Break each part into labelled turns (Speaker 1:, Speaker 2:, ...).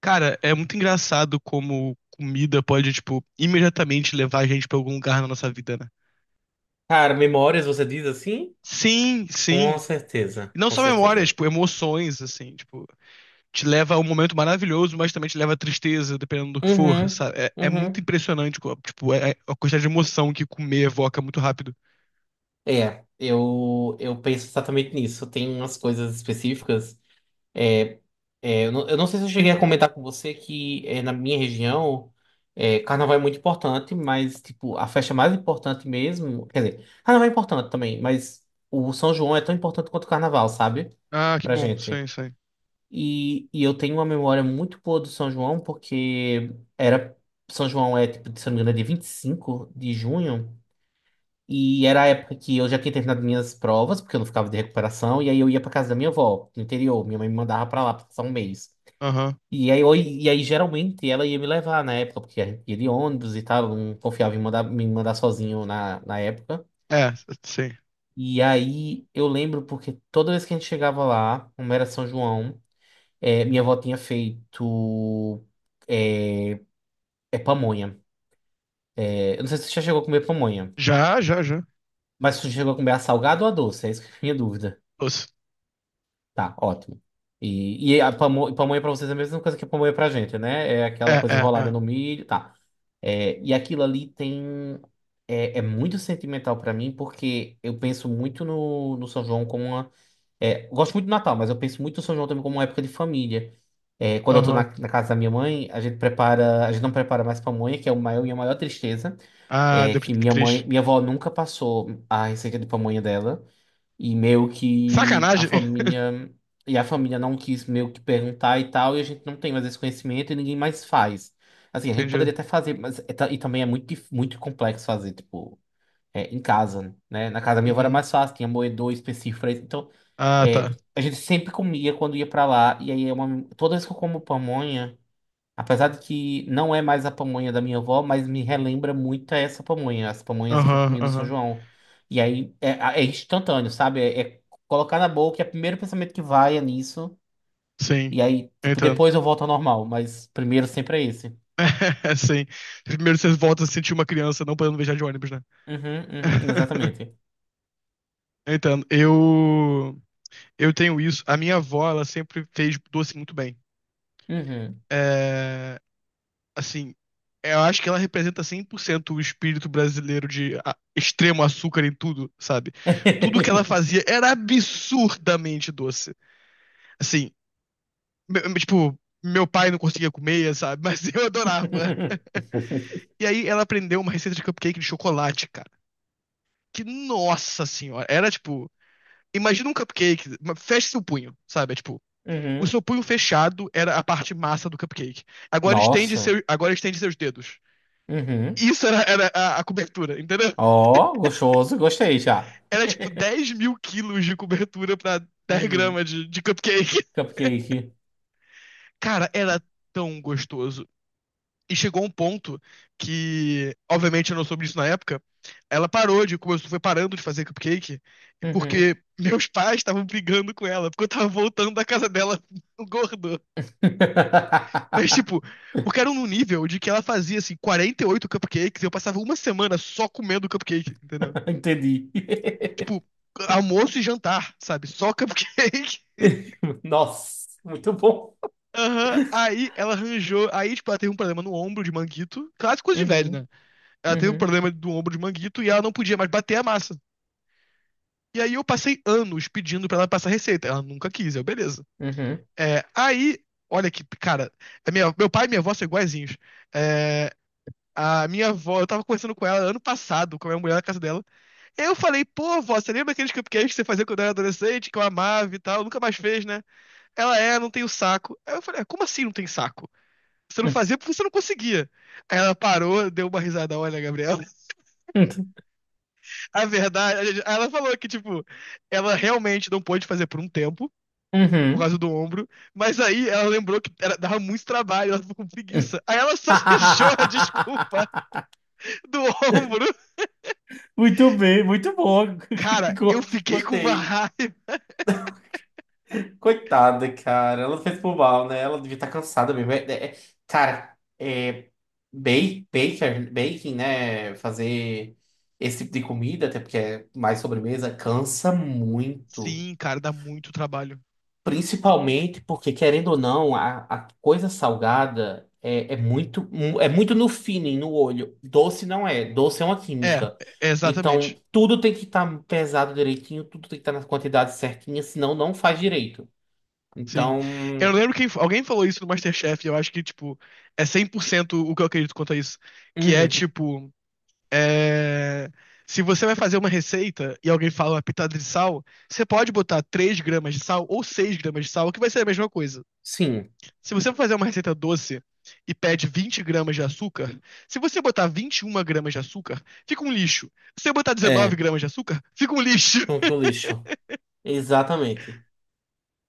Speaker 1: Cara, é muito engraçado como comida pode, tipo, imediatamente levar a gente pra algum lugar na nossa vida, né?
Speaker 2: Cara, memórias, você diz assim?
Speaker 1: Sim,
Speaker 2: Com
Speaker 1: sim.
Speaker 2: certeza,
Speaker 1: E não
Speaker 2: com
Speaker 1: só memórias,
Speaker 2: certeza.
Speaker 1: tipo, emoções, assim, tipo, te leva a um momento maravilhoso, mas também te leva a tristeza, dependendo do que for,
Speaker 2: Uhum,
Speaker 1: sabe? É, é muito
Speaker 2: uhum.
Speaker 1: impressionante, tipo, é a quantidade de emoção que comer evoca muito rápido.
Speaker 2: Eu penso exatamente nisso. Tem umas coisas específicas. É, eu não sei se eu cheguei a comentar com você que na minha região, carnaval é muito importante, mas tipo, a festa mais importante mesmo. Quer dizer, carnaval é importante também, mas o São João é tão importante quanto o carnaval, sabe?
Speaker 1: Ah, que
Speaker 2: Pra
Speaker 1: bom,
Speaker 2: gente.
Speaker 1: sim, sim.
Speaker 2: E eu tenho uma memória muito boa do São João, porque era. São João é, tipo, se eu não me engano, é dia 25 de junho. E era a época que eu já tinha terminado minhas provas, porque eu não ficava de recuperação. E aí eu ia pra casa da minha avó, no interior. Minha mãe me mandava pra lá passar um mês.
Speaker 1: Aham.
Speaker 2: E aí, geralmente ela ia me levar na época, porque a gente ia de ônibus e tal. Eu não confiava em me mandar sozinho na época.
Speaker 1: É, sim.
Speaker 2: E aí eu lembro porque toda vez que a gente chegava lá, como era São João. Minha avó tinha feito é, pamonha. Eu não sei se você já chegou a comer pamonha,
Speaker 1: Já, já, já.
Speaker 2: mas você chegou a comer a salgada ou a doce? É isso que é a minha dúvida.
Speaker 1: Nossa.
Speaker 2: Tá, ótimo. E a pamonha pra vocês é a mesma coisa que a pamonha pra gente, né? É aquela
Speaker 1: É,
Speaker 2: coisa
Speaker 1: é,
Speaker 2: enrolada
Speaker 1: é.
Speaker 2: no milho, tá. E aquilo ali tem. É muito sentimental pra mim, porque eu penso muito no São João como uma eu gosto muito do Natal, mas eu penso muito no São João também como uma época de família. Quando eu tô na,
Speaker 1: Aham.
Speaker 2: na casa da minha mãe, a gente não prepara mais pamonha, que é minha maior tristeza.
Speaker 1: Ah,
Speaker 2: É que
Speaker 1: que triste.
Speaker 2: minha avó nunca passou a receita de pamonha dela. E meio que a
Speaker 1: Sacanagem.
Speaker 2: família, e a família não quis meio que perguntar e tal, e a gente não tem mais esse conhecimento e ninguém mais faz. Assim, a gente
Speaker 1: Entendi.
Speaker 2: poderia até fazer, mas e também é muito complexo fazer, tipo em casa, né? Na casa da minha avó era
Speaker 1: Uhum.
Speaker 2: mais fácil, tinha moedor específico pra isso. Então,
Speaker 1: Ah, tá.
Speaker 2: a gente sempre comia quando ia pra lá. E aí, toda vez que eu como pamonha, apesar de que não é mais a pamonha da minha avó, mas me relembra muito essa pamonha, as pamonhas que eu
Speaker 1: Aham,
Speaker 2: comia no São
Speaker 1: aham.
Speaker 2: João. E aí, é instantâneo, sabe? É colocar na boca, é o primeiro pensamento que vai é nisso.
Speaker 1: Sim.
Speaker 2: E aí,
Speaker 1: Eu
Speaker 2: tipo,
Speaker 1: entendo.
Speaker 2: depois eu volto ao normal, mas primeiro sempre é esse.
Speaker 1: Sim. Primeiro você volta a se sentir uma criança não podendo viajar de ônibus, né?
Speaker 2: Uhum, uhum, exatamente.
Speaker 1: Eu entendo. Eu tenho isso. A minha avó, ela sempre fez doce muito bem.
Speaker 2: Uhum.
Speaker 1: É, assim, eu acho que ela representa 100% o espírito brasileiro de extremo açúcar em tudo, sabe? Tudo que ela fazia era absurdamente doce. Assim, tipo, meu pai não conseguia comer, sabe? Mas eu adorava. E aí ela aprendeu uma receita de cupcake de chocolate, cara. Que nossa senhora, era tipo, imagina um cupcake, feche seu punho, sabe? É tipo, o
Speaker 2: Uhum.
Speaker 1: seu punho fechado era a parte massa do cupcake.
Speaker 2: Nossa.
Speaker 1: Agora estende seus dedos.
Speaker 2: Uhum.
Speaker 1: Isso era a cobertura, entendeu?
Speaker 2: Ó, gostoso. Gostei já.
Speaker 1: Era tipo 10 mil quilos de cobertura pra 10
Speaker 2: Uhum.
Speaker 1: gramas de cupcake.
Speaker 2: Cupcake.
Speaker 1: Cara, era tão gostoso. E chegou um ponto que, obviamente, eu não soube disso na época. Ela foi parando de fazer cupcake,
Speaker 2: Uhum.
Speaker 1: porque meus pais estavam brigando com ela, porque eu tava voltando da casa dela gordo. Mas, tipo, porque era num nível de que ela fazia, assim, 48 cupcakes e eu passava uma semana só comendo cupcake, entendeu?
Speaker 2: Entendi.
Speaker 1: Tipo, almoço e jantar, sabe? Só cupcake.
Speaker 2: Nossa, muito bom.
Speaker 1: Aham. Aí ela arranjou. Aí, tipo, ela teve um problema no ombro de manguito. Claro, coisa de velho,
Speaker 2: Uhum.
Speaker 1: né? Ela teve um
Speaker 2: Uhum.
Speaker 1: problema do ombro de manguito e ela não podia mais bater a massa. E aí eu passei anos pedindo pra ela passar receita. Ela nunca quis, eu, beleza.
Speaker 2: Uhum.
Speaker 1: É, aí, olha que, cara, meu pai e minha avó são iguaizinhos. É, a minha avó, eu tava conversando com ela ano passado, com a minha mulher na casa dela. E aí eu falei, pô, avó, você lembra aqueles cupcakes que você fazia quando eu era adolescente, que eu amava e tal? Nunca mais fez, né? Ela não tem o saco. Aí eu falei, "Ah, como assim não tem saco? Você não fazia porque você não conseguia." Aí ela parou, deu uma risada, olha, Gabriel.
Speaker 2: Uhum.
Speaker 1: A verdade, ela falou que, tipo, ela realmente não pôde fazer por um tempo, por
Speaker 2: Uhum.
Speaker 1: causa do ombro, mas aí ela lembrou que dava muito trabalho, ela ficou com
Speaker 2: Uhum.
Speaker 1: preguiça. Aí ela só arranjou a desculpa do ombro.
Speaker 2: Muito bem, muito bom.
Speaker 1: Cara, eu fiquei com uma
Speaker 2: Gostei.
Speaker 1: raiva.
Speaker 2: Coitada, cara. Ela fez por mal, né? Ela devia estar cansada mesmo. Cara, ba- baker, baking, né? Fazer esse tipo de comida, até porque é mais sobremesa, cansa muito.
Speaker 1: Sim, cara, dá muito trabalho.
Speaker 2: Principalmente porque, querendo ou não, a coisa salgada é muito no feeling, no olho. Doce não é. Doce é uma
Speaker 1: É,
Speaker 2: química.
Speaker 1: é
Speaker 2: Então,
Speaker 1: exatamente.
Speaker 2: tudo tem que estar pesado direitinho, tudo tem que estar nas quantidades certinhas, senão não faz direito.
Speaker 1: Sim. Eu
Speaker 2: Então.
Speaker 1: lembro que alguém falou isso no MasterChef, e eu acho que, tipo, é 100% o que eu acredito quanto a isso. Que é,
Speaker 2: Uhum.
Speaker 1: tipo, É, se você vai fazer uma receita e alguém fala uma pitada de sal, você pode botar 3 gramas de sal ou 6 gramas de sal, que vai ser a mesma coisa.
Speaker 2: Sim,
Speaker 1: Se você for fazer uma receita doce e pede 20 gramas de açúcar, se você botar 21 gramas de açúcar, fica um lixo. Se você botar dezenove
Speaker 2: é.
Speaker 1: gramas de açúcar, fica um lixo.
Speaker 2: Como que o lixo. Exatamente.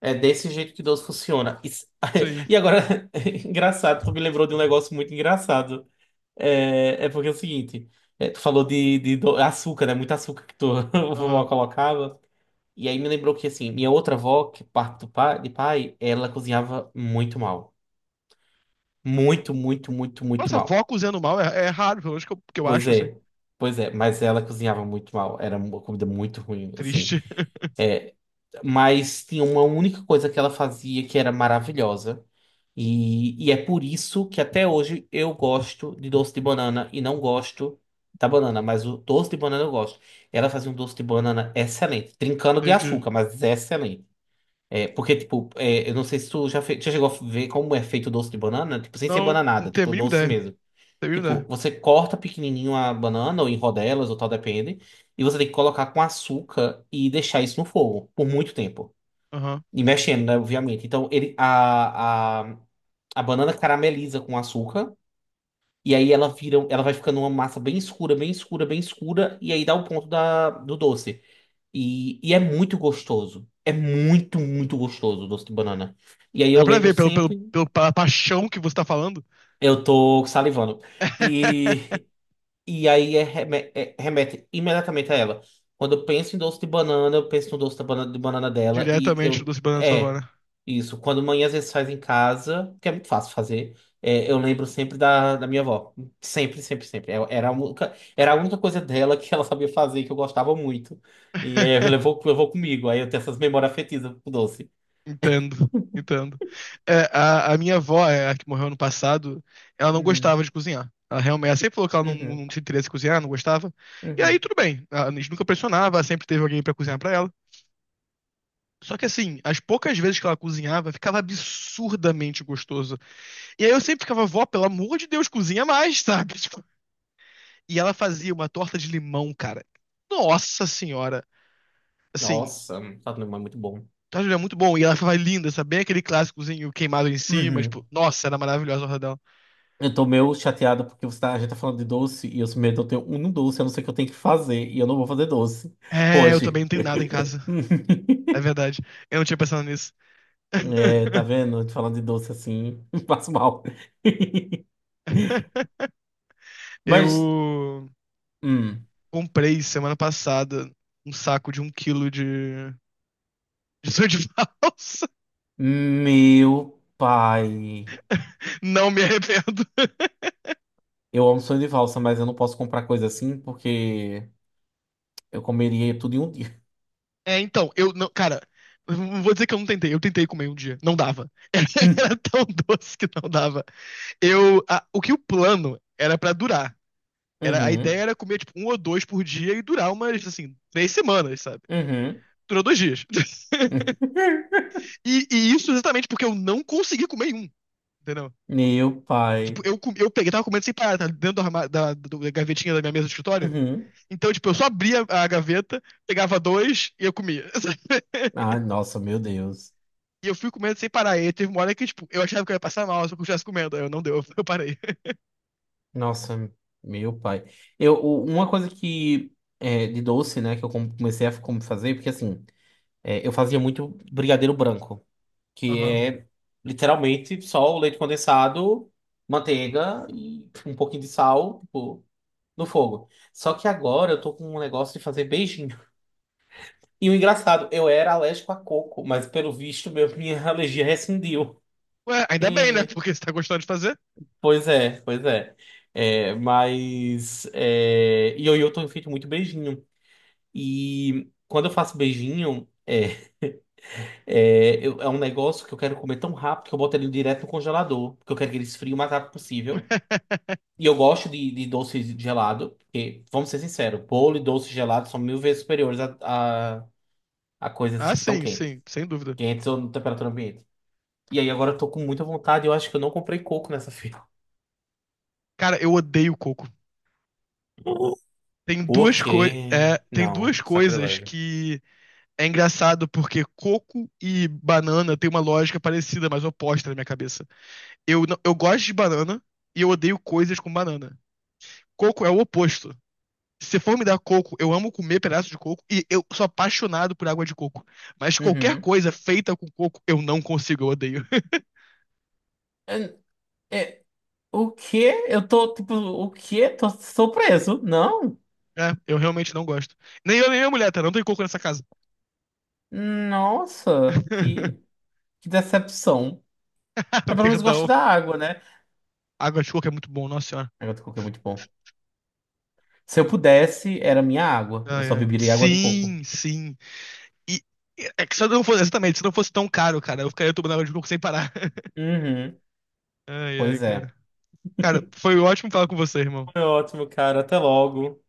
Speaker 2: É desse jeito que Deus funciona.
Speaker 1: Sim.
Speaker 2: E agora, é engraçado, tu me lembrou de um negócio muito engraçado. É porque é o seguinte, tu falou de açúcar, né? Muito açúcar que tua vovó
Speaker 1: Aham.
Speaker 2: colocava. E aí me lembrou que, assim, minha outra avó, que é parte de pai, ela cozinhava muito mal. Muito, muito, muito, muito
Speaker 1: Nossa,
Speaker 2: mal.
Speaker 1: vó cozinhando mal é raro, pelo menos que eu
Speaker 2: Pois
Speaker 1: acho, assim.
Speaker 2: é, pois é. Mas ela cozinhava muito mal. Era uma comida muito ruim, assim.
Speaker 1: Triste.
Speaker 2: É, Mas tinha uma única coisa que ela fazia que era maravilhosa. E é por isso que até hoje eu gosto de doce de banana e não gosto da banana, mas o doce de banana eu gosto. Ela fazia um doce de banana excelente, trincando de
Speaker 1: Entendi.
Speaker 2: açúcar, mas é excelente. Porque, tipo, eu não sei se tu já chegou a ver como é feito o doce de banana, tipo, sem ser
Speaker 1: Não, não
Speaker 2: bananada,
Speaker 1: tenho a
Speaker 2: tipo,
Speaker 1: mínima
Speaker 2: doce
Speaker 1: ideia. Não
Speaker 2: mesmo.
Speaker 1: tenho a mínima
Speaker 2: Tipo,
Speaker 1: ideia.
Speaker 2: você corta pequenininho a banana, ou em rodelas, ou tal, depende, e você tem que colocar com açúcar e deixar isso no fogo por muito tempo.
Speaker 1: Aham.
Speaker 2: E mexendo, né? Obviamente. Então, a banana carameliza com açúcar. E aí ela vai ficando uma massa bem escura, bem escura, bem escura. E aí dá o ponto do doce. E é muito gostoso. É muito, muito gostoso o doce de banana. E aí
Speaker 1: Dá
Speaker 2: eu
Speaker 1: pra
Speaker 2: lembro
Speaker 1: ver pelo,
Speaker 2: sempre,
Speaker 1: pela paixão que você tá falando.
Speaker 2: eu tô salivando. E E aí é remete imediatamente a ela. Quando eu penso em doce de banana, eu penso no doce de banana dela. E
Speaker 1: Diretamente do
Speaker 2: eu.
Speaker 1: Banana
Speaker 2: É,
Speaker 1: Savana.
Speaker 2: isso. Quando mãe às vezes faz em casa, que é muito fácil fazer, eu lembro sempre da minha avó. Sempre, sempre, sempre. Era a única coisa dela que ela sabia fazer, que eu gostava muito. E aí levou comigo. Aí eu tenho essas memórias afetivas com doce.
Speaker 1: Entendo, entendo. A minha avó, a que morreu ano passado, ela não
Speaker 2: Uhum,
Speaker 1: gostava de cozinhar. Ela realmente, ela sempre falou que ela não,
Speaker 2: uhum,
Speaker 1: não tinha interesse em cozinhar, não gostava. E aí
Speaker 2: uhum.
Speaker 1: tudo bem, a gente nunca pressionava, ela sempre teve alguém pra cozinhar pra ela. Só que assim, as poucas vezes que ela cozinhava, ficava absurdamente gostoso. E aí eu sempre ficava, vó, pelo amor de Deus, cozinha mais, sabe? Tipo, e ela fazia uma torta de limão, cara. Nossa senhora. Assim,
Speaker 2: Nossa, tá é muito bom.
Speaker 1: tá, Julia, muito bom. E ela foi linda, sabe? Bem aquele clássicozinho queimado em cima, tipo,
Speaker 2: Uhum.
Speaker 1: nossa, era maravilhosa a horta dela.
Speaker 2: Eu tô meio chateado porque a gente tá falando de doce e eu sou medo de eu ter um doce, a não ser que eu tenho que fazer, e eu não vou fazer doce
Speaker 1: É, eu também
Speaker 2: hoje.
Speaker 1: não tenho nada em casa. É verdade. Eu não tinha pensado nisso.
Speaker 2: É, tá vendo? A gente falando de doce assim, passo mal. Mas,
Speaker 1: Eu
Speaker 2: hum,
Speaker 1: comprei semana passada um saco de 1 quilo de sonho de valsa.
Speaker 2: meu pai,
Speaker 1: Não me arrependo.
Speaker 2: eu amo sonho de valsa, mas eu não posso comprar coisa assim porque eu comeria tudo em um dia.
Speaker 1: É, então, eu não, cara, eu não vou dizer que eu não tentei. Eu tentei comer um dia. Não dava. Tão doce que não dava. O que o plano era pra durar. A ideia
Speaker 2: Uhum,
Speaker 1: era comer, tipo, um ou dois por dia e durar umas, assim, 3 semanas, sabe?
Speaker 2: uhum.
Speaker 1: Durou 2 dias. E isso exatamente porque eu não consegui comer um, entendeu?
Speaker 2: Meu
Speaker 1: Tipo,
Speaker 2: pai.
Speaker 1: eu peguei, tava comendo sem parar, tá? Dentro do da gavetinha da minha mesa de escritório.
Speaker 2: Uhum.
Speaker 1: Então, tipo, eu só abria a gaveta, pegava dois e eu comia.
Speaker 2: Ai, nossa, meu Deus.
Speaker 1: E eu fui comendo sem parar. E teve uma hora que, tipo, eu achava que eu ia passar mal se eu continuasse comendo. Aí eu não deu, eu parei.
Speaker 2: Nossa, meu pai. Uma coisa que de doce, né, que eu comecei a como fazer, porque assim, eu fazia muito brigadeiro branco, que
Speaker 1: Aham.
Speaker 2: é literalmente só o leite condensado, manteiga e um pouquinho de sal, tipo, no fogo. Só que agora eu tô com um negócio de fazer beijinho. E o engraçado, eu era alérgico a coco, mas pelo visto, minha alergia rescindiu.
Speaker 1: Ué, ainda bem, né? Porque você tá gostando de fazer.
Speaker 2: Pois é, pois é. E eu tenho feito muito beijinho. E quando eu faço beijinho, é um negócio que eu quero comer tão rápido que eu boto ele direto no congelador. Porque eu quero que ele esfrie o mais rápido possível. E eu gosto de doce gelado. Porque, vamos ser sinceros, bolo e doce gelado são 1.000 vezes superiores a, a coisas
Speaker 1: Ah,
Speaker 2: que estão
Speaker 1: sim,
Speaker 2: quentes.
Speaker 1: sim, sem dúvida.
Speaker 2: Quentes ou na temperatura ambiente. E aí agora eu tô com muita vontade. Eu acho que eu não comprei coco nessa feira.
Speaker 1: Cara, eu odeio coco.
Speaker 2: O quê?
Speaker 1: Tem
Speaker 2: Não,
Speaker 1: duas coisas
Speaker 2: sacrilégio.
Speaker 1: que é engraçado porque coco e banana tem uma lógica parecida, mas oposta na minha cabeça. Eu, não- Eu gosto de banana e eu odeio coisas com banana. Coco é o oposto. Se for me dar coco, eu amo comer pedaço de coco e eu sou apaixonado por água de coco. Mas qualquer
Speaker 2: Uhum.
Speaker 1: coisa feita com coco, eu não consigo, eu odeio.
Speaker 2: É, é, o quê? Eu tô, tipo, o quê? Tô surpreso. Não?
Speaker 1: É, eu realmente não gosto. Nem eu, nem minha mulher, tá? Não tem coco nessa casa.
Speaker 2: Nossa, que, que decepção. Mas pelo menos gosto
Speaker 1: Perdão.
Speaker 2: da água, né?
Speaker 1: Água de coco é muito bom, nossa senhora.
Speaker 2: A água de coco é muito bom. Se eu pudesse, era minha água. Eu
Speaker 1: Ai,
Speaker 2: só
Speaker 1: ai.
Speaker 2: beberia água de coco.
Speaker 1: Sim, sim. E É que se eu não fosse, exatamente, se não fosse tão caro, cara, eu ficaria tomando água de coco sem parar.
Speaker 2: Uhum.
Speaker 1: Ai, ai,
Speaker 2: Pois é.
Speaker 1: cara. Cara, foi ótimo falar com você, irmão.
Speaker 2: Foi ótimo, cara. Até logo.